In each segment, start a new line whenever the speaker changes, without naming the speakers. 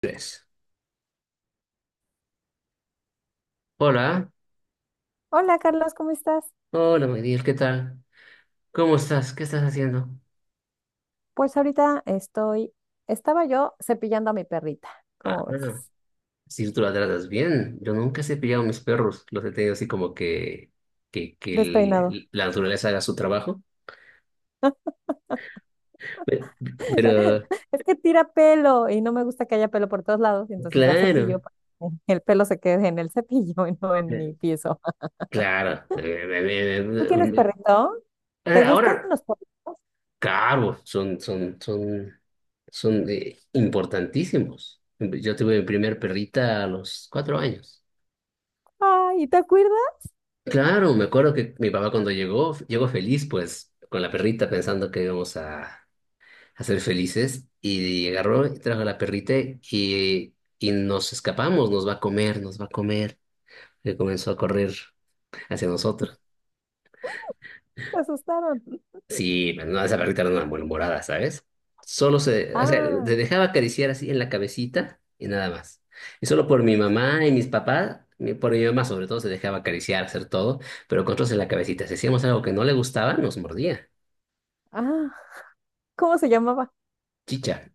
Tres. Hola,
Hola Carlos, ¿cómo estás?
hola Miguel, ¿qué tal? ¿Cómo estás? ¿Qué estás haciendo?
Pues ahorita estoy, estaba yo cepillando a mi perrita,
Ah,
¿cómo
bueno,
ves?
si tú la tratas bien, yo nunca he cepillado a mis perros, los he tenido así como que, que
Despeinado.
la naturaleza haga su trabajo. Pero, pero,
Es que tira pelo y no me gusta que haya pelo por todos lados, y entonces la cepillo
claro,
para que el pelo se quede en el cepillo y no en
eh,
mi piso.
claro,
¿Tú tienes
eh,
perrito?
eh,
¿Te gustan
ahora,
los perritos?
claro, son importantísimos. Yo tuve mi primer perrita a los 4 años.
Ay, ¿te acuerdas?
Claro, me acuerdo que mi papá cuando llegó, llegó feliz, pues, con la perrita pensando que íbamos a ser felices, y agarró y trajo a la perrita y nos escapamos, nos va a comer, nos va a comer, que comenzó a correr hacia nosotros.
Me asustaron.
Sí, pero no, esa perrita era una malhumorada, ¿sabes? Solo o sea,
Ah,
te dejaba acariciar así en la cabecita y nada más. Y solo por mi mamá y mis papás, por mi mamá sobre todo, se dejaba acariciar, hacer todo, pero con otros en la cabecita. Si hacíamos algo que no le gustaba, nos mordía.
ah, ¿cómo se llamaba?
Chicha.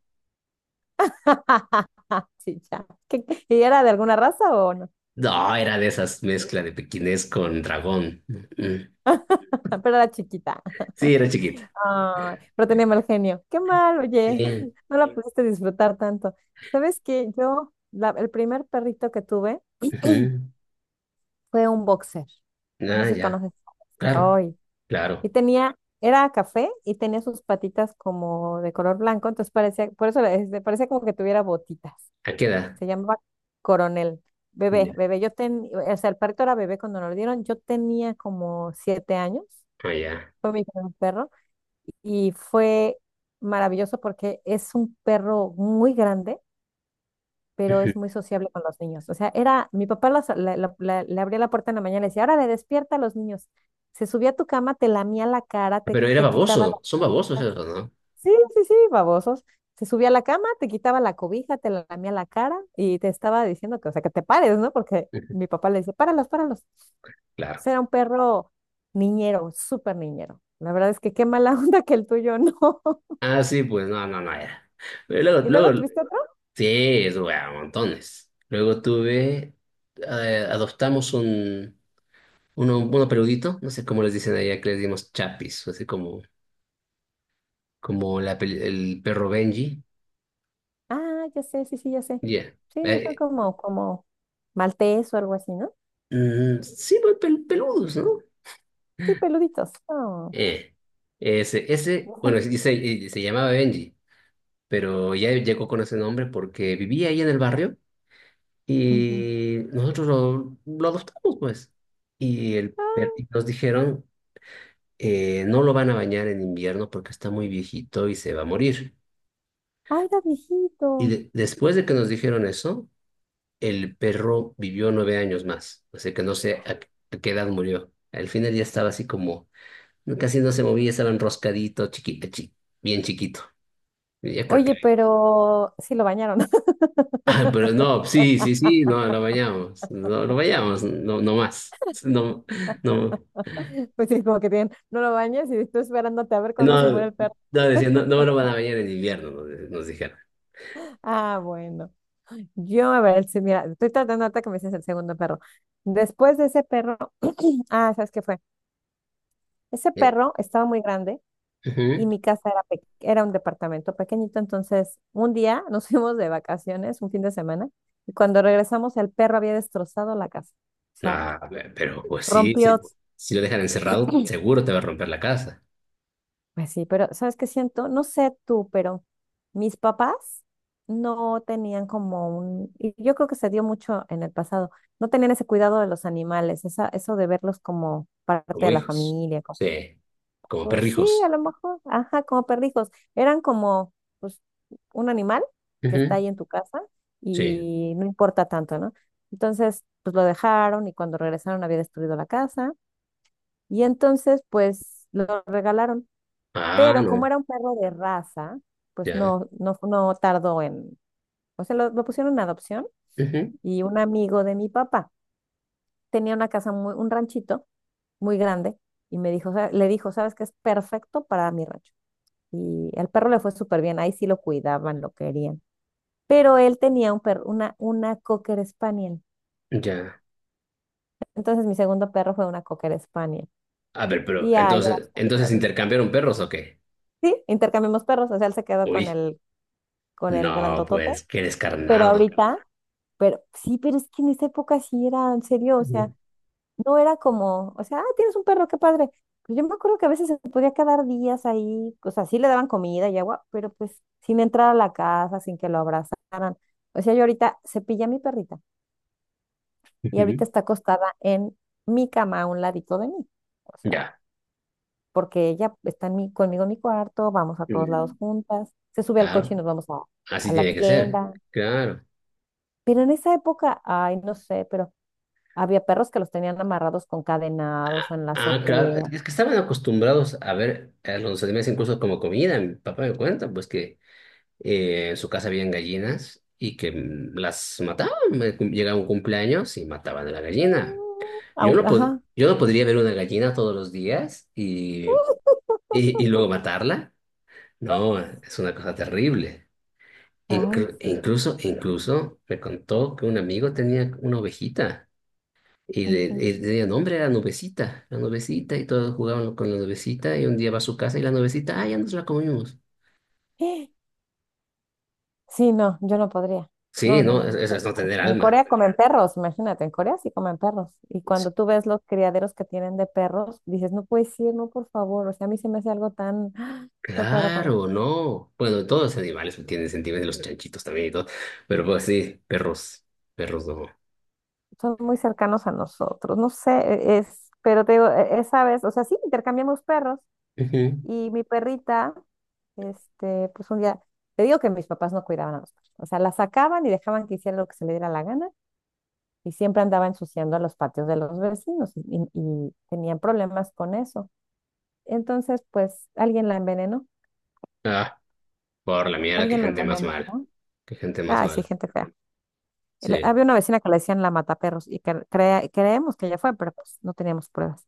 Sí, ya. ¿Y era de alguna raza o no?
No, era de esas mezclas de pequinés con dragón. Mm.
Pero era chiquita.
Sí, era chiquita.
Ay, pero tenía mal genio. Qué mal, oye,
Sí.
no la, sí, pudiste disfrutar tanto. ¿Sabes qué? El primer perrito que tuve
Ujú.
fue un boxer. No sé
Ah,
si
ya.
conoces.
Claro,
Ay, y
claro.
tenía, era café y tenía sus patitas como de color blanco, entonces parecía, por eso este, parecía como que tuviera botitas.
¿A qué edad?
Se llamaba Coronel.
Ya.
Bebé, bebé, o sea, el perrito era bebé cuando nos lo dieron, yo tenía como 7 años,
Ah, ya.
fue mi primer perro, y fue maravilloso porque es un perro muy grande, pero
Ujú.
es muy sociable con los niños. O sea, era, mi papá le abría la puerta en la mañana y le decía, ahora le despierta a los niños. Se subía a tu cama, te lamía la cara, te,
Pero era
te quitaba
baboso.
las
Son babosos
cobijas.
esos, ¿no?
Sí, sí, sí, babosos. Se subía a la cama, te quitaba la cobija, te lamía la cara y te estaba diciendo que, o sea, que te pares, ¿no? Porque
Ujú.
mi papá le dice páralos, páralos. O
Claro.
sea, era un perro niñero, súper niñero. La verdad es que qué mala onda que el tuyo no.
Ah, sí, pues no, no, no era. Pero
¿Y luego tuviste otro?
sí, eso, bueno, montones. Luego tuve, adoptamos uno peludito, no sé cómo les dicen allá, que les dimos chapis, así como la el perro Benji.
Ah, ya sé, sí, sí, ya sé.
Ya.
Sí, no son
Eh,
como maltés o algo así, ¿no?
sí, pues peludos, ¿no?
Sí, peluditos. Oh,
Eh, bueno,
ujú,
sí, se llamaba Benji, pero ya llegó con ese nombre porque vivía ahí en el barrio
ujú.
y nosotros lo adoptamos, pues. Y nos dijeron, no lo van a bañar en invierno porque está muy viejito y se va a morir.
Ah, era
Y
viejito.
después de que nos dijeron eso, el perro vivió 9 años más. Así que no sé a qué edad murió. Al final ya estaba así como casi no se movía, estaba enroscadito, chiquito, bien chiquito. Y yo creo que.
Oye, pero sí lo bañaron.
Ah, pero no, sí, sí, sí, no, lo bañamos. No, lo bañamos, no, no más. No, no,
Pues sí, como que tienen, no lo bañas y estoy esperándote a ver cuándo se muere
no,
el perro.
no, decía, no, no me lo van a bañar en invierno, nos dijeron.
Ah, bueno. Yo, a ver, sí, mira, estoy tratando ahorita que me dices el segundo perro. Después de ese perro, ah, ¿sabes qué fue? Ese
Eh,
perro estaba muy grande y
Ujú.
mi casa era, era un departamento pequeñito, entonces un día nos fuimos de vacaciones, un fin de semana, y cuando regresamos el perro había destrozado la casa, o sea,
Ah, pero pues sí, sí,
rompió,
si lo dejan encerrado, seguro te va a romper la casa,
pues sí, pero ¿sabes qué siento? No sé tú, pero mis papás no tenían como un, y yo creo que se dio mucho en el pasado, no tenían ese cuidado de los animales, esa, eso de verlos como parte
como
de la
hijos.
familia.
Sí, como
Pues sí, a
perrijos.
lo mejor. Ajá, como perrijos. Eran como, pues, un animal que está
Ujú,
ahí en tu casa
sí.
y no importa tanto, ¿no? Entonces, pues lo dejaron y cuando regresaron había destruido la casa y entonces, pues lo regalaron.
Ah,
Pero
no,
como era un perro de raza, pues
ya.
no tardó en, o sea, lo pusieron en adopción
Ujú,
y un amigo de mi papá tenía una casa, muy, un ranchito muy grande y me dijo, le dijo, ¿sabes qué es perfecto para mi rancho? Y al perro le fue súper bien, ahí sí lo cuidaban, lo querían. Pero él tenía un perro, una Cocker Spaniel.
ya.
Entonces mi segundo perro fue una Cocker Spaniel.
A ver, ¿pero
Y ya, ya,
entonces, entonces intercambiaron perros o qué?
Sí, intercambiamos perros, o sea, él se quedó con
Uy,
el, con el
no,
grandotote,
pues qué
pero
descarnado.
ahorita, pero sí, pero es que en esa época sí era, en serio, o sea,
Ujú.
no era como, o sea, ah, tienes un perro, qué padre. Pero yo me acuerdo que a veces se podía quedar días ahí, o sea, sí le daban comida y agua, pero pues sin entrar a la casa, sin que lo abrazaran. O sea, yo ahorita cepillé a mi perrita y ahorita
Ujú.
está acostada en mi cama a un ladito de mí. O sea,
Ya,
porque ella está conmigo en mi cuarto, vamos a todos lados
mm.
juntas, se sube al coche y
Claro,
nos vamos a
así
la
tiene que ser.
tienda.
Claro.
Pero en esa época, ay, no sé, pero había perros que los tenían amarrados con cadenados o en la
Ah, claro,
azotea.
es que estaban acostumbrados a ver a los animales incluso como comida. Mi papá me cuenta, pues que en su casa habían gallinas y que las mataban. Me llegaba un cumpleaños y mataban a la gallina.
Mm,
Yo
aunque,
no pod-
ajá,
yo no podría ver una gallina todos los días y luego matarla. No, es una cosa terrible.
ay,
Inclu-
sí.
incluso, incluso me contó que un amigo tenía una ovejita y le,
Ujú.
y le tenía nombre, era Nubecita, la Nubecita, y todos jugaban con la Nubecita y un día va a su casa y la Nubecita, ah, ya nos la comimos.
Sí, no, yo no podría.
Sí,
No, no,
no, es-
no.
eso es no tener
En Corea
alma.
comen perros, imagínate, en Corea sí comen perros. Y
S-
cuando tú ves los criaderos que tienen de perros, dices, no puedes ir, no, por favor. O sea, a mí se me hace algo tan, no puedo con eso.
Claro, no. Bueno, todos los animales tienen sentimientos, los chanchitos también y todo, pero pues sí, perros, perros no.
Son muy cercanos a nosotros, no sé, es, pero te digo, esa vez, o sea, sí, intercambiamos perros
Ujú.
y mi perrita, este, pues un día, te digo que mis papás no cuidaban a los perros. O sea, la sacaban y dejaban que hiciera lo que se le diera la gana. Y siempre andaba ensuciando los patios de los vecinos tenían problemas con eso. Entonces, pues alguien la envenenó,
Ah, por la mierda, qué
alguien la
gente más
envenenó,
mal,
¿no?
qué gente más
Ay, sí,
mal.
gente fea.
Sí.
Había una vecina que le decían la mataperros y creemos que ella fue, pero pues no teníamos pruebas.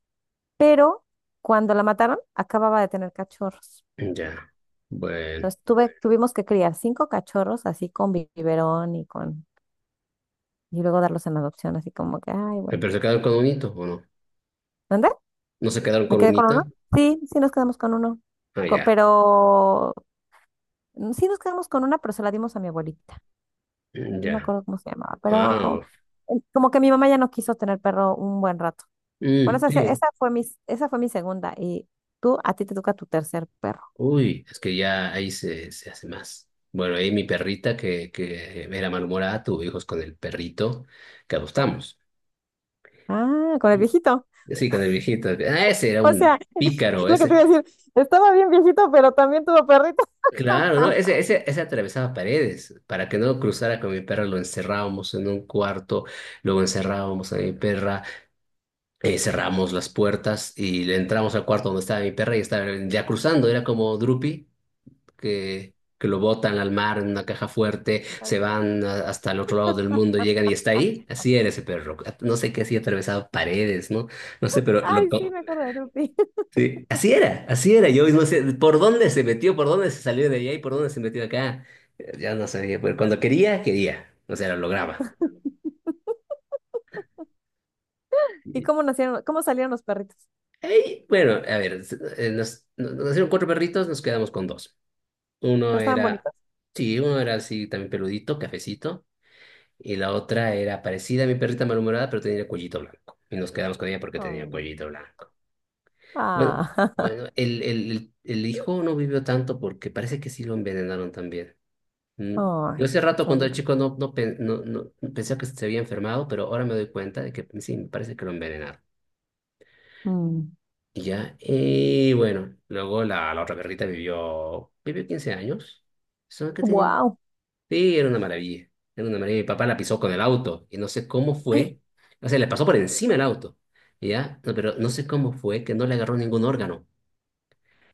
Pero cuando la mataron, acababa de tener cachorros.
Ya, bueno.
Entonces tuve, tuvimos que criar cinco cachorros así con biberón y luego darlos en adopción, así como que, ay, bueno.
¿Pero se quedaron con un hito o no?
¿Dónde?
¿No se quedaron
¿Me
con
quedé
un
con
hito?
uno? Sí, sí nos quedamos con uno.
Ah,
Co-
ya.
pero mm, sí, nos quedamos con una, pero se la dimos a mi abuelita.
Mm,
No me
ya.
acuerdo cómo se llamaba,
Ah,
pero
bueno.
como que mi mamá ya no quiso tener perro un buen rato. Bueno,
Mm,
esa,
sí.
esa fue mi segunda. Y tú, a ti te toca tu tercer perro.
Uy, es que ya ahí se hace más. Bueno, ahí mi perrita que era malhumorada tuvo hijos con el perrito que adoptamos.
Ah, con el
Y-
viejito.
Sí, con el viejito. Ah, ese era
O sea,
un pícaro,
lo que te
ese.
iba a decir, estaba bien viejito, pero también tuvo perrito.
Claro, ¿no? Ese atravesaba paredes. Para que no cruzara con mi perra, lo encerrábamos en un cuarto, luego encerrábamos a mi perra. Cerramos las puertas y le entramos al cuarto donde estaba mi perra y estaba ya cruzando. Era como Drupi, que lo botan al mar en una caja fuerte, se
Ándale.
van hasta el otro lado del mundo, llegan y está ahí. Así era ese perro. No sé qué hacía, atravesaba paredes, ¿no? No sé, pero lo...
Ay, sí, me acuerdo de Rupi.
Sí, así era, así era. Yo no sé por dónde se metió, por dónde se salió de allá y por dónde se metió acá. Ya no sabía, pero cuando quería, quería. O sea, lo lograba.
¿Y
Y-
cómo nacieron, cómo salieron los perritos?
Ey, bueno, a ver, nos hicieron 4 perritos, nos quedamos con dos. Uno
Pues estaban
era,
bonitos.
sí, uno era así también peludito, cafecito, y la otra era parecida a mi perrita malhumorada, pero tenía el cuellito blanco. Y nos quedamos con ella porque tenía el
Oh.
cuellito blanco. Bueno,
Ah,
bueno, el hijo no vivió tanto porque parece que sí lo envenenaron también. Mm. Yo
ay,
hace rato
es
cuando era
horrible.
chico no pensé que se había enfermado, pero ahora me doy cuenta de que sí, me parece que lo envenenaron. Y ya, y bueno, luego la otra perrita vivió, vivió 15 años. Solo que tenía.
Wow.
Sí, era una maravilla. Era una maravilla. Mi papá la pisó con el auto y no sé cómo fue. O sea, le pasó por encima el auto. ¿Ya? No, pero no sé cómo fue que no le agarró ningún órgano.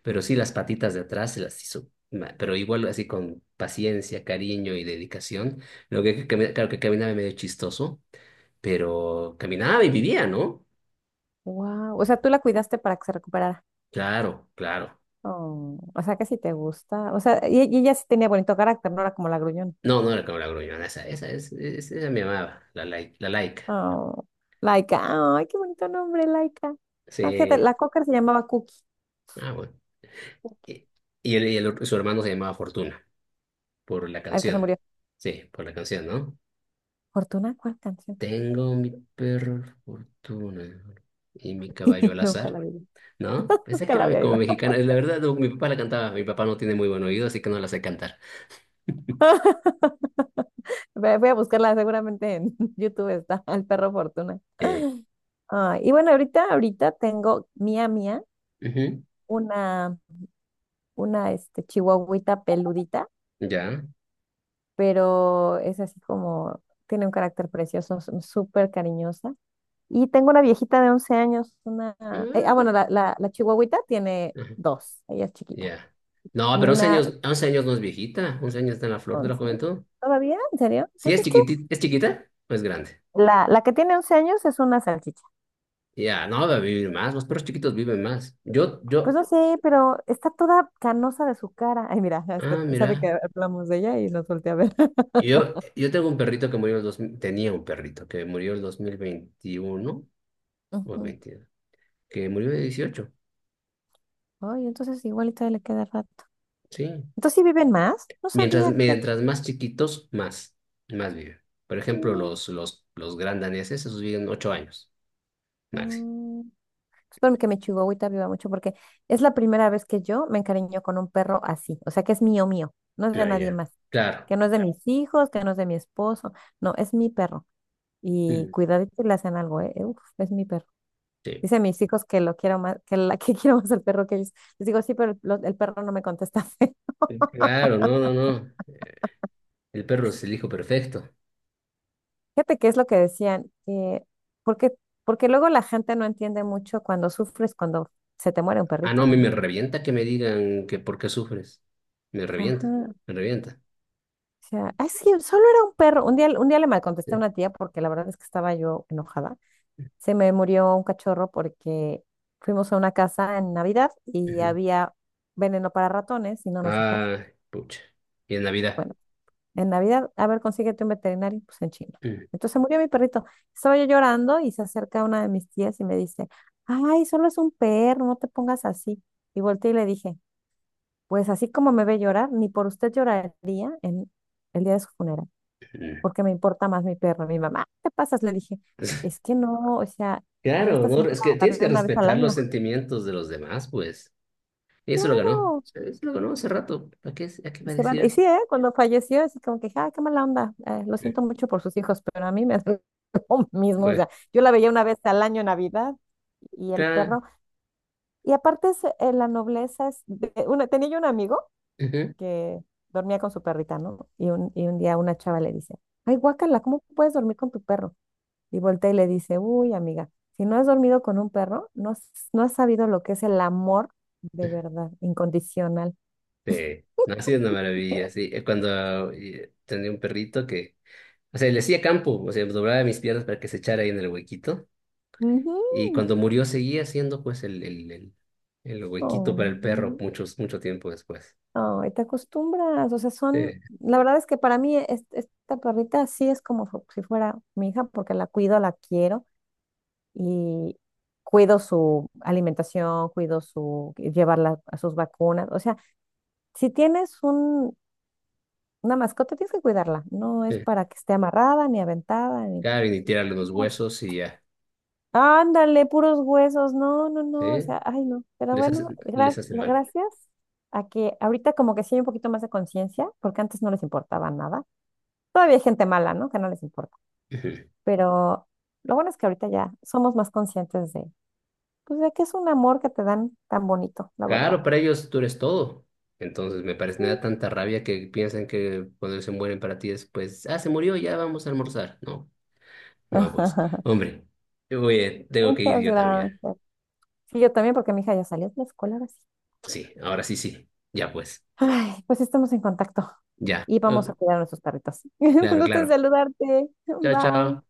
Pero sí las patitas de atrás se las hizo. Pero igual así con paciencia, cariño y dedicación. Claro que caminaba medio chistoso, pero caminaba y vivía, ¿no?
Wow. O sea, tú la cuidaste para que se recuperara.
Claro, claro.
Oh, o sea, que sí te gusta. O sea, y ella sí tenía bonito carácter, no era como la gruñona.
No, no era como la gruñona, esa me amaba, la laica.
Oh, Laika. Ay, qué bonito nombre, Laika. Ah, fíjate,
Sí.
la cocker se llamaba Cookie.
Ah, bueno.
Cookie,
Y, su hermano se llamaba Fortuna. Por la
al que se
canción.
murió.
Sí, por la canción, ¿no?
Fortuna, ¿cuál canción?
Tengo mi perro fortuna y mi caballo al
Nunca la
azar,
vi.
¿no? Pensé
Nunca
que
la
era
había
como
oído.
mexicana. La verdad, no, mi papá la cantaba. Mi papá no tiene muy buen oído, así que no la sé cantar.
Voy a buscarla, seguramente en YouTube está el perro Fortuna.
Eh,
Ah, y bueno, ahorita, ahorita tengo mía, mía,
Ujú,
una, una este, chihuahuita peludita,
ya.
pero es así como, tiene un carácter precioso, súper cariñosa. Y tengo una viejita de 11 años, una,
Ah,
bueno, la chihuahuita tiene
ajá,
dos, ella es chiquita,
ya. No,
y
pero 11
una
años, 11 años no es viejita. 11 años está en la flor de la
11,
juventud.
¿todavía? ¿En serio?
Sí,
Pues
es
es que
chiquitita. ¿Es chiquita? ¿O es grande?
la que tiene 11 años es una salchicha.
Ya, no, va a vivir más. Los perros chiquitos viven más. Yo,
Pues
yo.
no sé, pero está toda canosa de su cara. Ay, mira, hasta
Ah,
sabe
mira.
que hablamos de ella y nos voltea a ver.
Y yo tengo un perrito que murió en el 2000, tenía un perrito que murió en el dos mil veintiuno o
Ujú.
veintidós que murió de 18
Ay, entonces igual y todavía le queda rato.
sí.
Entonces sí viven más. No
Mientras,
sabía, fíjate.
mientras más chiquitos, más viven. Por ejemplo,
Mm,
los gran daneses, esos viven 8 años, máximo.
mm. Espero que mi chihuahuita viva mucho porque es la primera vez que yo me encariño con un perro así, o sea que es mío, mío, no es de
Ah,
nadie
ya.
más,
Claro.
que no es de mis hijos, que no es de mi esposo, no, es mi perro. Y
Mm,
cuidadito y le hacen algo, ¿eh? Uf, es mi perro.
sí.
Dicen mis hijos que lo quiero más, que la que quiero más el perro que ellos. Les digo, sí, pero el perro no me contesta.
Claro, no, no, no. El perro es el hijo perfecto.
Fíjate que es lo que decían, porque, porque luego la gente no entiende mucho cuando sufres, cuando se te muere un
Ah, no,
perrito,
me
¿no?
revienta que me digan que por qué sufres. Me revienta,
Ajá.
me revienta.
O sea, "Ay, sí, solo era un perro". Un día le malcontesté a
Sí.
una tía porque la verdad es que estaba yo enojada. Se me murió un cachorro porque fuimos a una casa en Navidad y
Ujú.
había veneno para ratones y no nos dijeron.
Ah, pucha. Y en Navidad.
Bueno, en Navidad, a ver, consíguete un veterinario, pues en China.
Ujú.
Entonces se murió mi perrito. Estaba yo llorando y se acerca una de mis tías y me dice, ay, solo es un perro, no te pongas así. Y volteé y le dije, pues así como me ve llorar, ni por usted lloraría en el día de su funeral, porque me importa más mi perro. Mi mamá, ¿qué te pasas? Le dije, es que no, o sea, yo a
Claro,
esta
no,
señora
es que
la
tienes
veo
que
una vez al
respetar los
año.
sentimientos de los demás, pues. Y eso lo ganó.
Claro.
Eso lo ganó hace rato. ¿Para qué, a qué
Y
va a
se van.
decir
Y
eso?
sí, ¿eh? Cuando falleció, así como que, ah, qué mala onda. Lo
Eh,
siento mucho por sus hijos, pero a mí me hace lo mismo. O
Bueno,
sea, yo la veía una vez al año en Navidad y el
claro.
perro. Y aparte, es, la nobleza es. Una, tenía yo un amigo
Ujú.
que dormía con su perrita, ¿no? Y un día una chava le dice, ay, guácala, ¿cómo puedes dormir con tu perro? Y voltea y le dice, uy, amiga, si no has dormido con un perro, no, no has sabido lo que es el amor de verdad, incondicional.
Sí. No, ha sido una maravilla, sí. Cuando tenía un perrito que, o sea, le hacía campo, o sea, doblaba mis piernas para que se echara ahí en el huequito.
Ujú.
Y cuando murió seguía haciendo pues el huequito
Oh,
para el perro
ujú.
mucho tiempo después.
Ay, te acostumbras, o sea,
Sí,
son, la verdad es que para mí esta perrita sí es como si fuera mi hija porque la cuido, la quiero y cuido su alimentación, cuido su, llevarla a sus vacunas, o sea, si tienes un, una mascota tienes que cuidarla, no es
sí.
para que esté amarrada ni aventada, ni
Claro, y tirarle los
pues,
huesos y ya.
ándale, puros huesos. No, no,
Sí,
no. O sea, ay, no. Pero
les hace,
bueno,
les hace mal.
gracias a que ahorita como que sí hay un poquito más de conciencia, porque antes no les importaba nada. Todavía hay gente mala, ¿no? Que no les importa.
Ujú.
Pero lo bueno es que ahorita ya somos más conscientes de, pues, de que es un amor que te dan tan bonito, la verdad.
Claro, para ellos tú eres todo. Entonces me parece,
Sí.
me da tanta rabia que piensan que cuando se mueren para ti es pues, ah, se murió, ya vamos a almorzar. No, no, pues, hombre, yo voy, tengo que ir
Muchas
yo también.
gracias. Sí, yo también, porque mi hija ya salió de la escuela ahora sí.
Sí, ahora sí, sí, ya pues,
Ay, pues estamos en contacto
ya.
y vamos
Ok,
a cuidar a nuestros perritos. Un
claro,
gusto en
claro.
saludarte.
Chao, chao.
Bye.